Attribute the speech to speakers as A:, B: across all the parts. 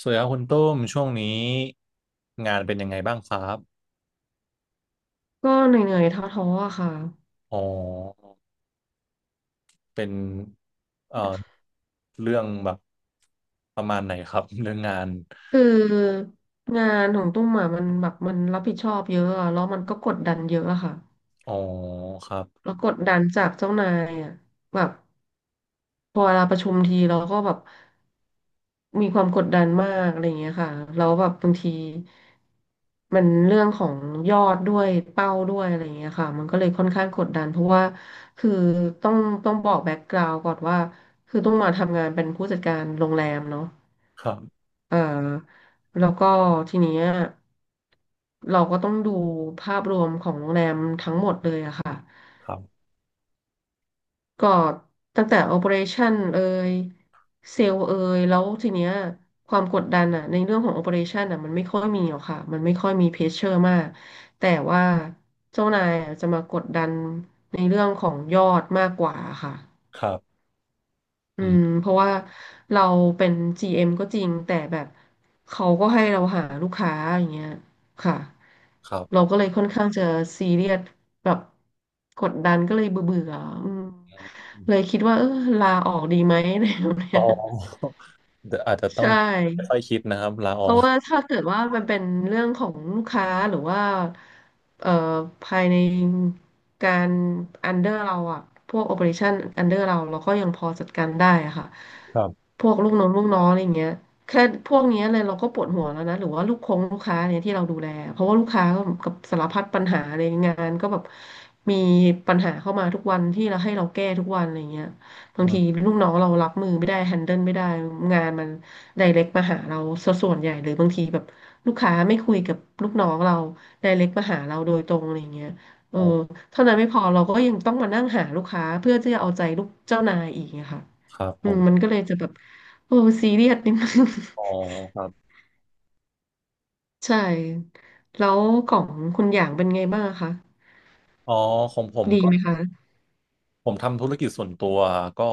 A: สวัสดีครับคุณตุ้มช่วงนี้งานเป็นยังไงบ้างครับ
B: ก็เหนื่อยๆท้อๆอะค่ะ
A: อ๋อเป็นเอ่อเรื่องแบบประมาณไหนครับ เรื่องงาน
B: คืองานของตุ้มอะมันแบบมันรับผิดชอบเยอะอะแล้วมันก็กดดันเยอะอะค่ะ
A: อ๋อครับ
B: แล้วกดดันจากเจ้านายอะแบบพอเวลาประชุมทีเราก็แบบมีความกดดันมากอะไรอย่างเงี้ยค่ะแล้วแบบบางทีมันเรื่องของยอดด้วยเป้าด้วยอะไรอย่างเงี้ยค่ะมันก็เลยค่อนข้างกดดันเพราะว่าคือต้องต้องบอกแบ็กกราว n d ก่อนว่าคือต้องมาทำงานเป็นผู้จัดการโรงแรมเนาะ
A: ครับ
B: เอ่อแล้วก็ทีเนี้ยเราก็ต้องดูภาพรวมของโรงแรมทั้งหมดเลยอะค่ะ
A: ครับ
B: ก็ตั้งแต่ Operation เอ่ยเซลล์เอ่ยแล้วทีเนี้ยความกดดันอะในเรื่องของ Operation อะมันไม่ค่อยมีหรอกค่ะมันไม่ค่อยมีเพชเชอร์มากแต่ว่าเจ้านายอะจะมากดดันในเรื่องของยอดมากกว่าค่ะ
A: ครับ
B: อื
A: อื
B: ม
A: ม
B: เพราะว่าเราเป็น GM ก็จริงแต่แบบเขาก็ให้เราหาลูกค้าอย่างเงี้ยค่ะ
A: ครั
B: เรา
A: บ
B: ก็เลยค่อนข้างจะซีเรียสแบบกดดันก็เลยเบื่อเบื่ออืม
A: อ
B: เล
A: ม
B: ยคิดว่าเออลาออกดีไหม อะไรแบบเนี้
A: อ๋
B: ย
A: อเดี๋ยวอาจจะต้อ
B: ใช่
A: งค่อยๆคิดนะครับลาอ
B: เพ
A: อ
B: ราะ
A: ก
B: ว่าถ้าเกิดว่ามันเป็นเรื่องของลูกค้าหรือว่าเอ่อภายในการอันเดอร์เราอะพวกโอ e r a t i o n อันเดอร์เราเราก็ยังพอจัดการได้อะค่ะ
A: ครับ
B: พวกลูกน้องอะไรอย่างเงี้ยแค่พวกเนี้ยเลยเราก็ปวดหัวแล้วนะหรือว่าลูกคงลูกค้าเนี่ยที่เราดูแลเพราะว่าลูกค้าก็กับสารพัดปัญหาในงานก็แบบมีปัญหาเข้ามาทุกวันที่เราให้เราแก้ทุกวันอะไรอย่างเงี้ยบา
A: อื
B: งที
A: ม
B: ลูกน้องเรารับมือไม่ได้แฮนเดิลไม่ได้งานมัน ไดเรกมาหาเราสะส่วนใหญ่หรือบางทีแบบลูกค้าไม่คุยกับลูกน้องเราไดเรกมาหาเราโดยตรงอะไรอย่างเงี้ยเออ
A: อ๋อ
B: เท่านั้นไม่พอเราก็ยังต้องมานั่งหาลูกค้าเพื่อที่จะเอาใจลูกเจ้านายอีกอะค่ะ
A: ครับผ
B: อืมมัน
A: ม
B: ก็เลยจะแบบโอ้ซีเรียสนิดนึง
A: อ๋อครับ
B: ใช่แล้วของคุณอย่างเป็นไงบ้างอะคะ
A: อ๋อของผม
B: ดี
A: ก็
B: ไหมคะ
A: ผมทำธุรกิจส่วนตัวก็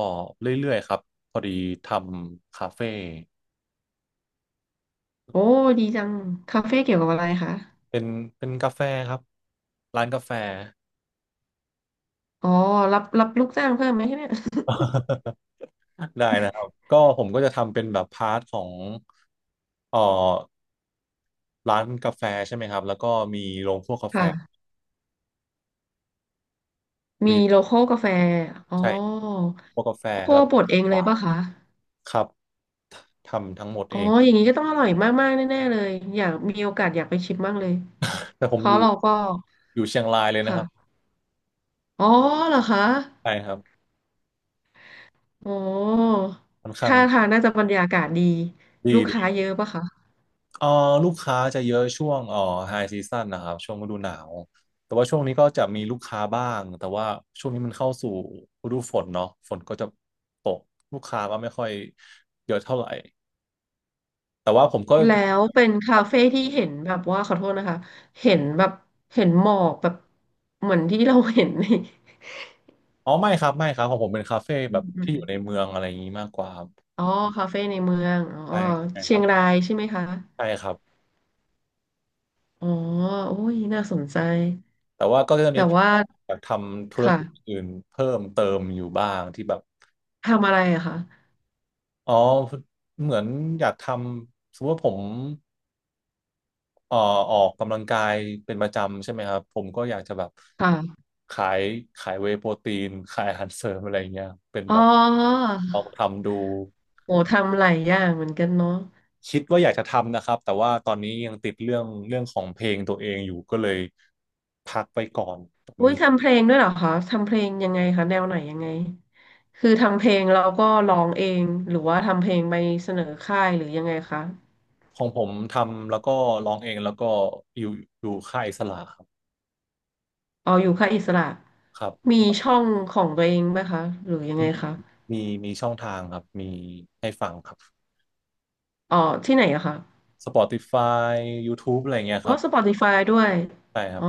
A: เรื่อยๆครับพอดีทำคาเฟ่
B: โอ้ดีจังคาเฟ่เกี่ยวกับอะไรคะ
A: เป็นเป็นกาแฟครับร้านกาแฟ
B: อ๋อรับลูกจ้างเพิ่มไหมเนี่ย
A: ได้นะครับก็ผมก็จะทำเป็นแบบพาร์ทของเอ่อร้านกาแฟใช่ไหมครับแล้วก็มีโรงคั่วกา แฟ
B: ค่ะ มี
A: มี
B: โลคอลกาแฟอ๋อ
A: ใช่คั่วกกาแฟ
B: คั่
A: แล้
B: ว
A: วก็
B: บดเองเลยป่ะคะ
A: ครับทำทั้งหมด
B: อ๋อ
A: เอง
B: อย่างนี้ก็ต้องอร่อยมากๆแน่ๆเลยอยากมีโอกาสอยากไปชิมบ้างเลย
A: แต่ผ
B: เพ
A: มอ
B: ราะ
A: ยู่
B: เราก็
A: อยู่เชียงรายเลยนะครับ
B: ค่ะอ๋อเหรอคะ
A: ใช่ครับ
B: อ๋อ
A: ค่อนข้าง
B: ท่าทางน่าจะบรรยากาศดี
A: ด
B: ลูกค้า
A: ี
B: เยอะป่ะคะ
A: เอ่อลูกค้าจะเยอะช่วงไฮซีซั่นนะครับช่วงฤดูหนาวแต่ว่าช่วงนี้ก็จะมีลูกค้าบ้างแต่ว่าช่วงนี้มันเข้าสู่ฤดูฝนเนาะฝนก็จะตกลูกค้าก็ไม่ค่อยเยอะเท่าไหร่แต่ว่าผมก็
B: แล้วเป็นคาเฟ่ที่เห็นแบบว่าขอโทษนะคะ เห็นแบบเห็นหมอกแบบ เหมือนที่เราเห็นใน
A: อ๋อไม่ครับไม่ครับของผมเป็นคาเฟ่
B: อื
A: แบ
B: ม
A: บ
B: อื
A: ที่อยู่
B: ม
A: ในเมืองอะไรอย่างนี้มากกว่าครับ
B: อ๋อคาเฟ่ในเมืองอ๋
A: ใช่
B: อ
A: ใช่ค
B: เชี
A: รั
B: ยง
A: บ
B: รายใช่ไหมคะ
A: ใช่ครับ
B: อ๋อโอ้ยน่าสนใจ
A: แต่ว่าก็จะ
B: แต่
A: มี
B: ว่า
A: แบบทำธุรกิจ
B: ค่ะ
A: อื่นเพิ่มเติมอยู่บ้างที่แบบ
B: ทำอะไรอะคะ
A: อ๋อเหมือนอยากทำสมมติว่าผม เอ่อออกกำลังกายเป็นประจำใช่ไหมครับผมก็อยากจะแบบ
B: ค่ะ
A: ขายขายเวย์โปรตีนขายอาหารเสริมอะไรเงี้ยเป็น
B: อ๋อ
A: แบบลองทำดู
B: โหทำหลายอย่างเหมือนกันเนาะ
A: คิดว่าอยากจะทำนะครับแต่ว่าตอนนี้ยังติดเรื่องของเพลงตัวเองอยู่ก็เลยพักไปก่อน
B: อุ้ยทำเพลงด้วยเหรอคะ ทำเพลงยังไงคะแนวไหนยังไงคือทำเพลงแล้วก็ร้องเองหรือว่าทำเพลงไปเสนอค่ายหรือยังไงคะ
A: ของผมทำแล้วก็ร้องเองแล้วก็อยู่อยู่ค่ายอิสระครับ
B: เอาออยู่ค่ายอิสระ
A: ครั
B: มี
A: บ
B: ช่องของตัวเองไหมคะ หรือยังไง
A: มี
B: คะ
A: มีมีช่องทางครับมีให้ฟังครับ
B: อ๋อที่ไหนอะคะ
A: s p o t i f า y ยู t ูบ e อะไรเงี้ยค
B: อ๋อ
A: รับ
B: Spotify ด้วย
A: ใช่ครั
B: อ๋
A: บ
B: อ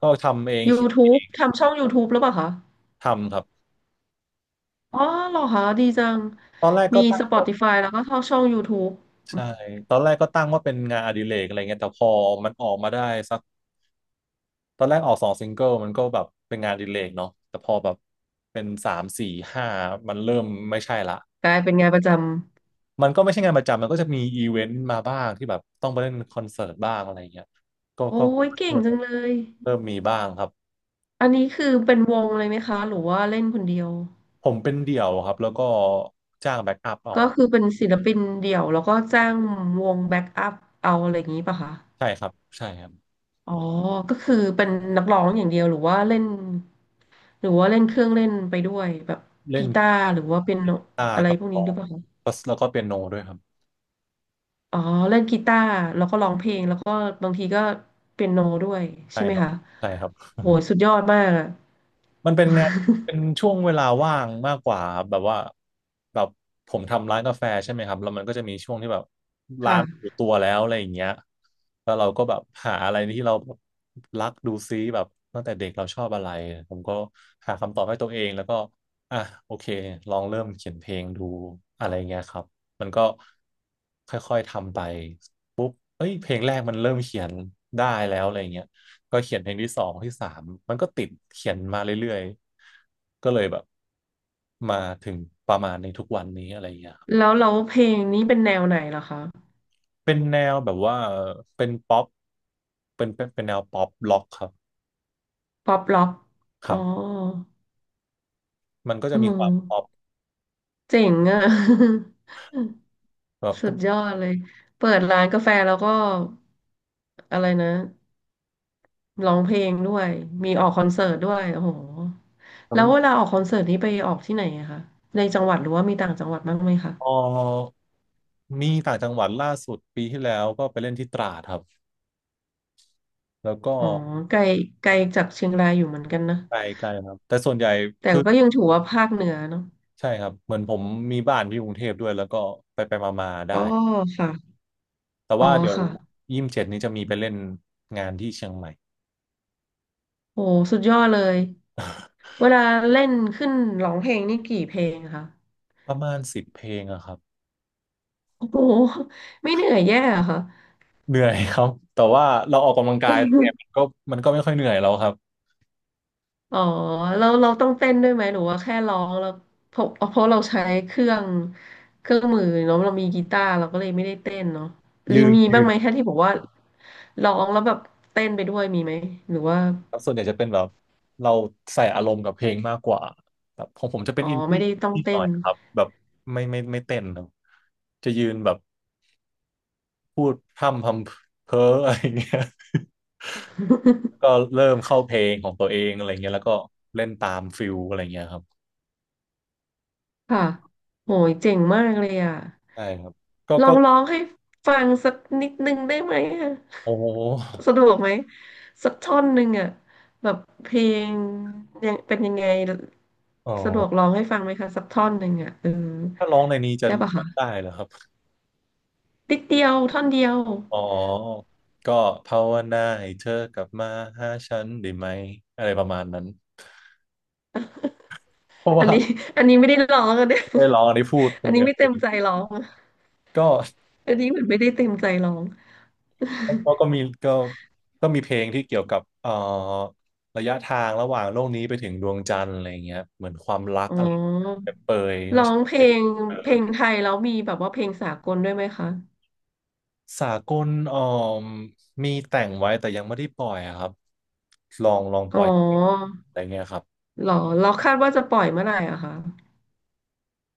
A: ก็ทำเองเขียน
B: YouTube ทำช่อง YouTube หรือเปล่าคะ
A: ทำครับ
B: อ๋อเหรอคะดีจัง
A: ตอนแรก
B: มี
A: ก็ตั้งว่า
B: Spotify แล้วก็เข้าช่อง YouTube อื
A: ใช่
B: ม
A: ตอนแรกก็ตั้งว่าเป็นงานอดิเรกอะไรเงี้ยแต่พอมันออกมาได้สักตอนแรกออกสองซิงเกิลมันก็แบบเป็นงานอดิเรกเนาะแต่พอแบบเป็นสามสี่ห้ามันเริ่มไม่ใช่ละ
B: กลายเป็นงานประจำ
A: มันก็ไม่ใช่งานประจำมันก็จะมีอีเวนต์มาบ้างที่แบบต้องไปเล่นคอนเสิร์ตบ้างอะไรเงี้ยก็
B: โอ้ยเก่ง
A: เริ่
B: จั
A: ม
B: งเลย
A: เริ่มมีบ้างครับ
B: อันนี้คือเป็นวงเลยไหมคะหรือว่าเล่นคนเดียว
A: ผมเป็นเดี่ยวครับแล้วก็จ้างแบ็กอัพเอา
B: ก็คือเป็นศิลปินเดี่ยวแล้วก็จ้างวงแบ็กอัพเอาอะไรอย่างนี้ป่ะคะ
A: ใช่ครับใช่ครับ
B: อ๋อก็คือเป็นนักร้องอย่างเดียวหรือว่าเล่นหรือว่าเล่นเครื่องเล่นไปด้วยแบบ
A: เล่
B: กี
A: น
B: ตา
A: ก
B: ร์หรือว่าเป็น
A: ี
B: โน
A: ตาร์
B: อะไร
A: กับ
B: พวก
A: กล
B: นี้
A: อ
B: ด้วย
A: ง
B: ป่ะ
A: แล้วก็เปียโนด้วยครับ
B: อ๋อเล่นกีตาร์แล้วก็ร้องเพลงแล้วก็บางทีก็เปียโนด้วย
A: ใช่
B: ใช่ไหม
A: ครับ
B: คะ
A: ใช่ครับ
B: โหสุดยอดมากอะ
A: มันเป็นงา นเป็นช่วงเวลาว่างมากกว่าครับแบบว่าแบบผมทำร้านกาแฟใช่ไหมครับแล้วมันก็จะมีช่วงที่แบบร้า
B: ค่ะ
A: นอยู่ตัวแล้วอะไรอย่างเงี้ยแล้วเราก็แบบหาอะไรที่เราแบบรักดูซิแบบตั้งแต่เด็กเราชอบอะไรผมก็หาคำตอบให้ตัวเองแล้วก็อ่ะโอเคลองเริ่มเขียนเพลงดูอะไรเงี้ยครับมันก็ค่อยๆทำไป เอ้ยเพลงแรกมันเริ่มเขียนได้แล้วอะไรเงี้ยก็เขียนเพลงที่สองที่สามมันก็ติดเขียนมาเรื่อยๆ ก็เลยแบบมาถึงประมาณในทุกวันนี้อะไรเงี้ยครับ
B: แล้วเราเพลงนี้เป็นแนวไหนเหรอคะ
A: เป็นแนวแบบว่าเป็นป๊อปเป็นแนวป๊อปล็อกครับ
B: ป๊อปร็อก
A: ค
B: อ๋อ
A: รับ มันก็จะ
B: เอ
A: มีความป๊อป
B: อเจ๋งอะ
A: แบบ
B: สุ
A: ก็
B: ดยอดเลยเปิดร้านกาแฟแล้วก็อะไรนะร้องเพลงด้วยมีออกคอนเสิร์ตด้วยโอ้โหแล้วเวลาออกคอนเสิร์ตนี้ไปออกที่ไหนอะคะในจังหวัดหรือว่ามีต่างจังหวัดบ้างไหมคะ
A: พอมีต่างจังหวัดล่าสุดปีที่แล้วก็ไปเล่นที่ตราดครับ แล้วก็
B: อ๋อไกลไกลจากเชียงรายอยู่เหมือนกันนะ
A: ไกลๆครับ แต่ส่วนใหญ่
B: แต่ก็ยังถือว่าภาคเหนือเนาะ
A: ใช่ครับเหมือนผมมีบ้านที่กรุงเทพด้วยแล้วก็ไปไปมามาๆได้
B: อ๋อค่ะ
A: แต่
B: อ๋อ
A: ว่าเดี๋ยว
B: ค่ะ
A: 27นี้จะมีไปเล่นงานที่เชียงใหม่
B: โอ้สุดยอดเลย เวลาเล่นขึ้นร้องเพลงนี่กี่เพลงอะคะ
A: ประมาณ10 เพลงอะครับ
B: โอ้โหไม่เหนื่อยแย่เหรอค่ะ
A: เหนื่อยครับแต่ว่าเราออกกำลังกายเนี่ยมัน ก็มันก็ไม่ค่อยเหนื่อยแล้วครับ
B: อ๋อเราต้องเต้นด้วยไหมหรือว่าแค่ร้องแล้วเพราะเพราะเราใช้เครื่องมือเนาะเรามีกีตาร์เราก็เลยไม่ได้เต้นเนาะรีมี
A: ยื
B: บ้าง
A: น
B: ไหมแค่ที่บอกว่าร้องแล้วแบบเต้นไปด้วยมีไหมหรือว่า
A: ครับส่วนใหญ่จะเป็นแบบเราใส่อารมณ์กับเพลงมากกว่าแบบของผมจะเป็น
B: อ๋อ
A: อิน
B: ไม่
A: ดี้
B: ได้ต้อง
A: นิดห
B: เต้
A: น่อ
B: น
A: ยครับแบบไม่เต้นครับจะยืนแบบพูดพร่ำพำเพ้อ อะไรอย่างเงี้ย ก็เริ่มเข้าเพลงของตัวเองอะไรเงี้ยแล้วก็เล่นตามฟิลอะไรเงี้ยครับ
B: ค่ะโหยเจ๋งมากเลยอ่ะ
A: ใช่ครับก็
B: ลอ
A: ก็
B: งร้องให้ฟังสักนิดนึงได้ไหมอ่ะ
A: โอ้โห
B: สะดวกไหมสักท่อนหนึ่งอ่ะแบบเพลงยังเป็นยังไง
A: อ๋อ
B: สะดวกร้องให้ฟังไหมคะสักท่อนหนึ่งอ่ะเออ
A: ถ้าร้องในนี้จะ
B: ได้ปะ
A: ร้อ
B: คะ
A: งได้เหรอครับ
B: นิดเดียวท่อนเดียว
A: อ๋อก็ภาวนาให้เธอกลับมาหาฉันได้ไหมอะไรประมาณนั้นเพราะ
B: อั
A: ว่า
B: นนี้อันนี้ไม่ได้ร้องอะเนี่ย
A: ได้ร้องได้พูดค
B: อั
A: น
B: นนี้
A: เนื้อ
B: ไม่
A: เพล
B: เต็ม
A: ง
B: ใจร้องอะ
A: ก็
B: อันนี้เหมือนไม่ได้เต็มใจร้อง
A: ก็ มีก็มีเพลงที่เกี่ยวกับระยะทางระหว่างโลกนี้ไปถึงดวงจันทร์อะไรอย่างเงี้ยเหมือนความรัก
B: อ๋
A: อะไร
B: อ
A: เปรยบเปรย
B: ร้
A: ว่า
B: อ
A: ฉัน
B: งเพล
A: ไม่ได้
B: ง
A: เจ
B: เพลง
A: อ
B: ไทยแล้วมีแบบว่าเพลงสากลด้วยไหมคะ
A: สากลมีแต่งไว้แต่ยังไม่ได้ปล่อยอะครับลองป
B: อ๋
A: ล่อย
B: อ
A: อะไรเงี้ยครับ
B: เหรอเราคาดว่าจะปล่อยเมื่อไหร่อะคะ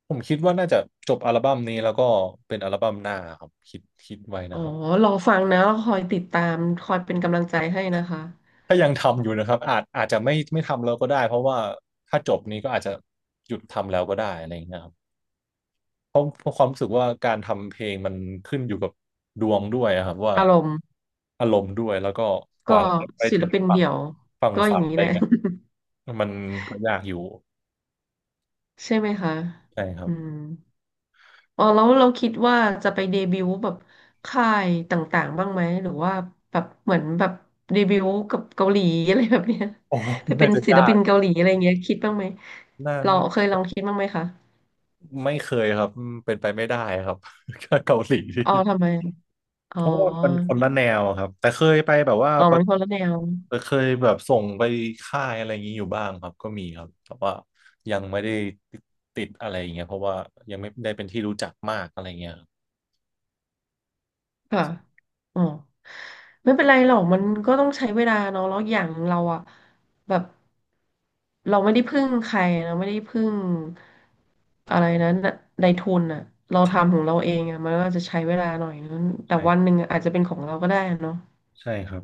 A: ผมคิดว่าน่าจะจบอัลบั้มนี้แล้วก็เป็นอัลบั้มหน้าครับคิดไว้
B: อ๋
A: นะ
B: อ
A: ครับ
B: รอฟังนะเราคอยติดตามคอยเป็นกำลังใจให้นะคะ
A: ถ้ายังทำอยู่นะครับอาจจะไม่ทำแล้วก็ได้เพราะว่าถ้าจบนี้ก็อาจจะหยุดทำแล้วก็ได้อะไรอย่างเงี้ยครับเพราะความรู้สึกว่าการทำเพลงมันขึ้นอยู่กับดวงด้วยอะครับว่า
B: อารมณ์
A: อารมณ์ด้วยแล้วก็ก
B: ก็
A: ว่าเราจะไป
B: ศิ
A: ถึ
B: ล
A: ง
B: ปิน
A: ฝั่ง
B: เดี่ยวก็อ
A: ฝั
B: ย่า
A: น
B: ง
A: อะ
B: นี้
A: ไร
B: แหละ
A: เงี้ยมันก็ยากอยู่
B: ใช่ไหมคะ
A: ใช่ครั
B: อื
A: บ
B: ม อ๋อแล้วเราคิดว่าจะไปเดบิวต์แบบค่ายต่างๆบ้างไหมหรือว่าแบบเหมือนแบบเดบิวต์กับเกาหลีอะไรแบบเนี้ย
A: โอ้
B: ไป เป็
A: น่า
B: น
A: จะ
B: ศิล
A: ยา
B: ปิ
A: ก
B: นเกาหลีอะไรเงี้ยคิดบ้างไหม
A: น่า
B: เราเคยลองคิดบ้างไหมคะ
A: ไม่เคยครับ เป็นไปไม่ได้ครับ เกาหลี
B: อ๋อทำไมอ๋
A: เพ
B: อ
A: ราะว่ามันคนละแนวครับแต่เคยไปแบบว่า
B: อ๋อ
A: ะ
B: มันคนละแนว
A: เคยแบบส่งไปค่ายอะไรอย่างนี้อยู่บ้างครับก็มีครับแต่ว่ายังไม่ได้ติดอะไรอย่างเงี้ยเพราะว่ายังไม่ได้เป็นที่รู้จักมากอะไรเงี้ยครับ
B: ค่ะอ๋อไม่เป็นไรหรอกมันก็ต้องใช้เวลาเนาะแล้วอย่างเราอะ แบบ เราไม่ได้พึ่งใครเราไม่ได้พึ่งอะไรนะในทุนอะ เราทำของเราเองอะ มันก็จะใช้เวลาหน่อยนึงแต่วันห
A: ใช่
B: นึ่งอาจจะเป็นของเราก็ได้อะเนาะ
A: ใช่ครับ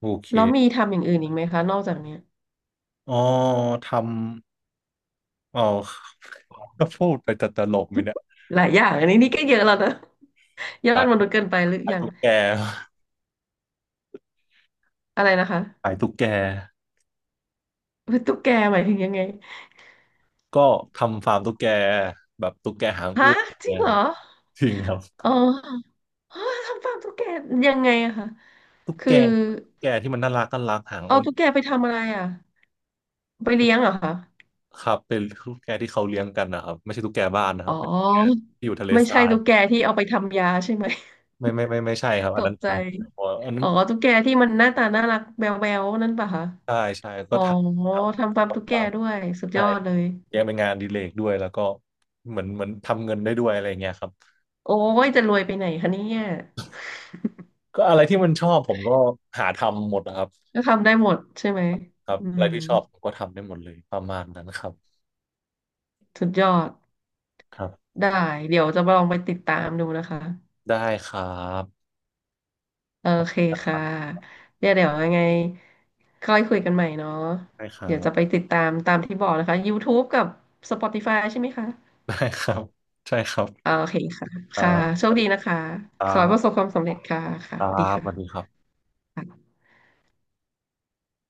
A: โอเค
B: แล้วมีทำอย่างอื่นอีกไหมคะ นอกจากเนี้ย
A: อ๋อทำอ๋อ ก็พูดไปแต่ตลกไหมเนี่ย
B: หลายอย่างอันนี้นี่ก็เยอะแล้วนะ เยอะม
A: ขาย
B: นุษย์เกินไปหรืออ
A: ขาย
B: ย่ง
A: ตุ๊กแก
B: อะไรนะคะ
A: ขายตุ๊กแก
B: เป็นตุ๊กแกหมายถึงยังไง
A: ก็ทำฟาร์มตุ๊กแกแบบตุ๊กแกหางอ้
B: ฮะ
A: วน
B: จริง
A: นะ
B: เห
A: ค
B: ร
A: รั
B: อ
A: บจริงครับ
B: อ๋อ ฮะทำฟาร์มตุ๊กแกยังไงอะคะ
A: ตุ๊ก
B: คื
A: แก
B: อ
A: ตุ๊กแกที่มันน่ารักน่ารักหาง
B: เอา
A: อ้น
B: ตุ๊กแกไปทำอะไรอะไปเลี้ยงเหรอคะ
A: ครับเป็นตุ๊กแกที่เขาเลี้ยงกันนะครับไม่ใช่ตุ๊กแกบ้านนะค
B: อ๋อ
A: รับเป็นตุ๊กแกที่อยู่ทะเล
B: ไม่
A: ทรา
B: ใช่
A: ย
B: ตุ๊กแกที่เอาไปทำยาใช่ไหม
A: ไม่ใช่ครับ
B: ต
A: อัน
B: ก
A: นั้น
B: ใจ
A: อันนั้
B: อ๋
A: น
B: อตุ๊กแกที่มันหน้าตาน่ารักแมวๆนั่นปะคะ
A: ใช่ใช่ก็
B: อ๋อ
A: ทำท
B: ทำฟาร์มตุ๊ก
A: ำ
B: แก
A: ฟาร์ม
B: ด้วยสุดย
A: ใช่
B: อดเลย
A: เลี้ยงเป็นงานอดีเลกด้วยแล้วก็เหมือนทำเงินได้ด้วยอะไรเงี้ยครับ
B: โอ้ยจะรวยไปไหนคะเนี่ย
A: ก็อะไรที่มันชอบผมก็หาทำหมดนะครับ
B: ก็ทำได้หมดใช่ไหม
A: ครับ
B: อื
A: อะ
B: ม
A: ไรที่ชอบผมก็ทำได้หมดเลยประมาณนั้นครับ
B: สุดยอด
A: ครับ
B: ได้เดี๋ยวจะลองไปติดตามดูนะคะ
A: ได้ครับ
B: โอเคค่ะเดี๋ยวยังไงค่อยคุยกันใหม่เนาะ
A: ได้ครั
B: เดี๋ยวจะไป
A: บ
B: ติดตามตามที่บอกนะคะ YouTube กับ Spotify ใช่ไหมคะ
A: ได้ครับใช่ครั
B: โอ
A: บ
B: เคค่ะ
A: ครั
B: ค่ะ
A: บ
B: โชคดีนะคะ
A: ครั
B: ขอให้ประสบ
A: บ
B: ความสำเร็จค่ะค่ะ
A: ครั
B: ดี
A: บ
B: ค่
A: สวัสดีครับ
B: ะ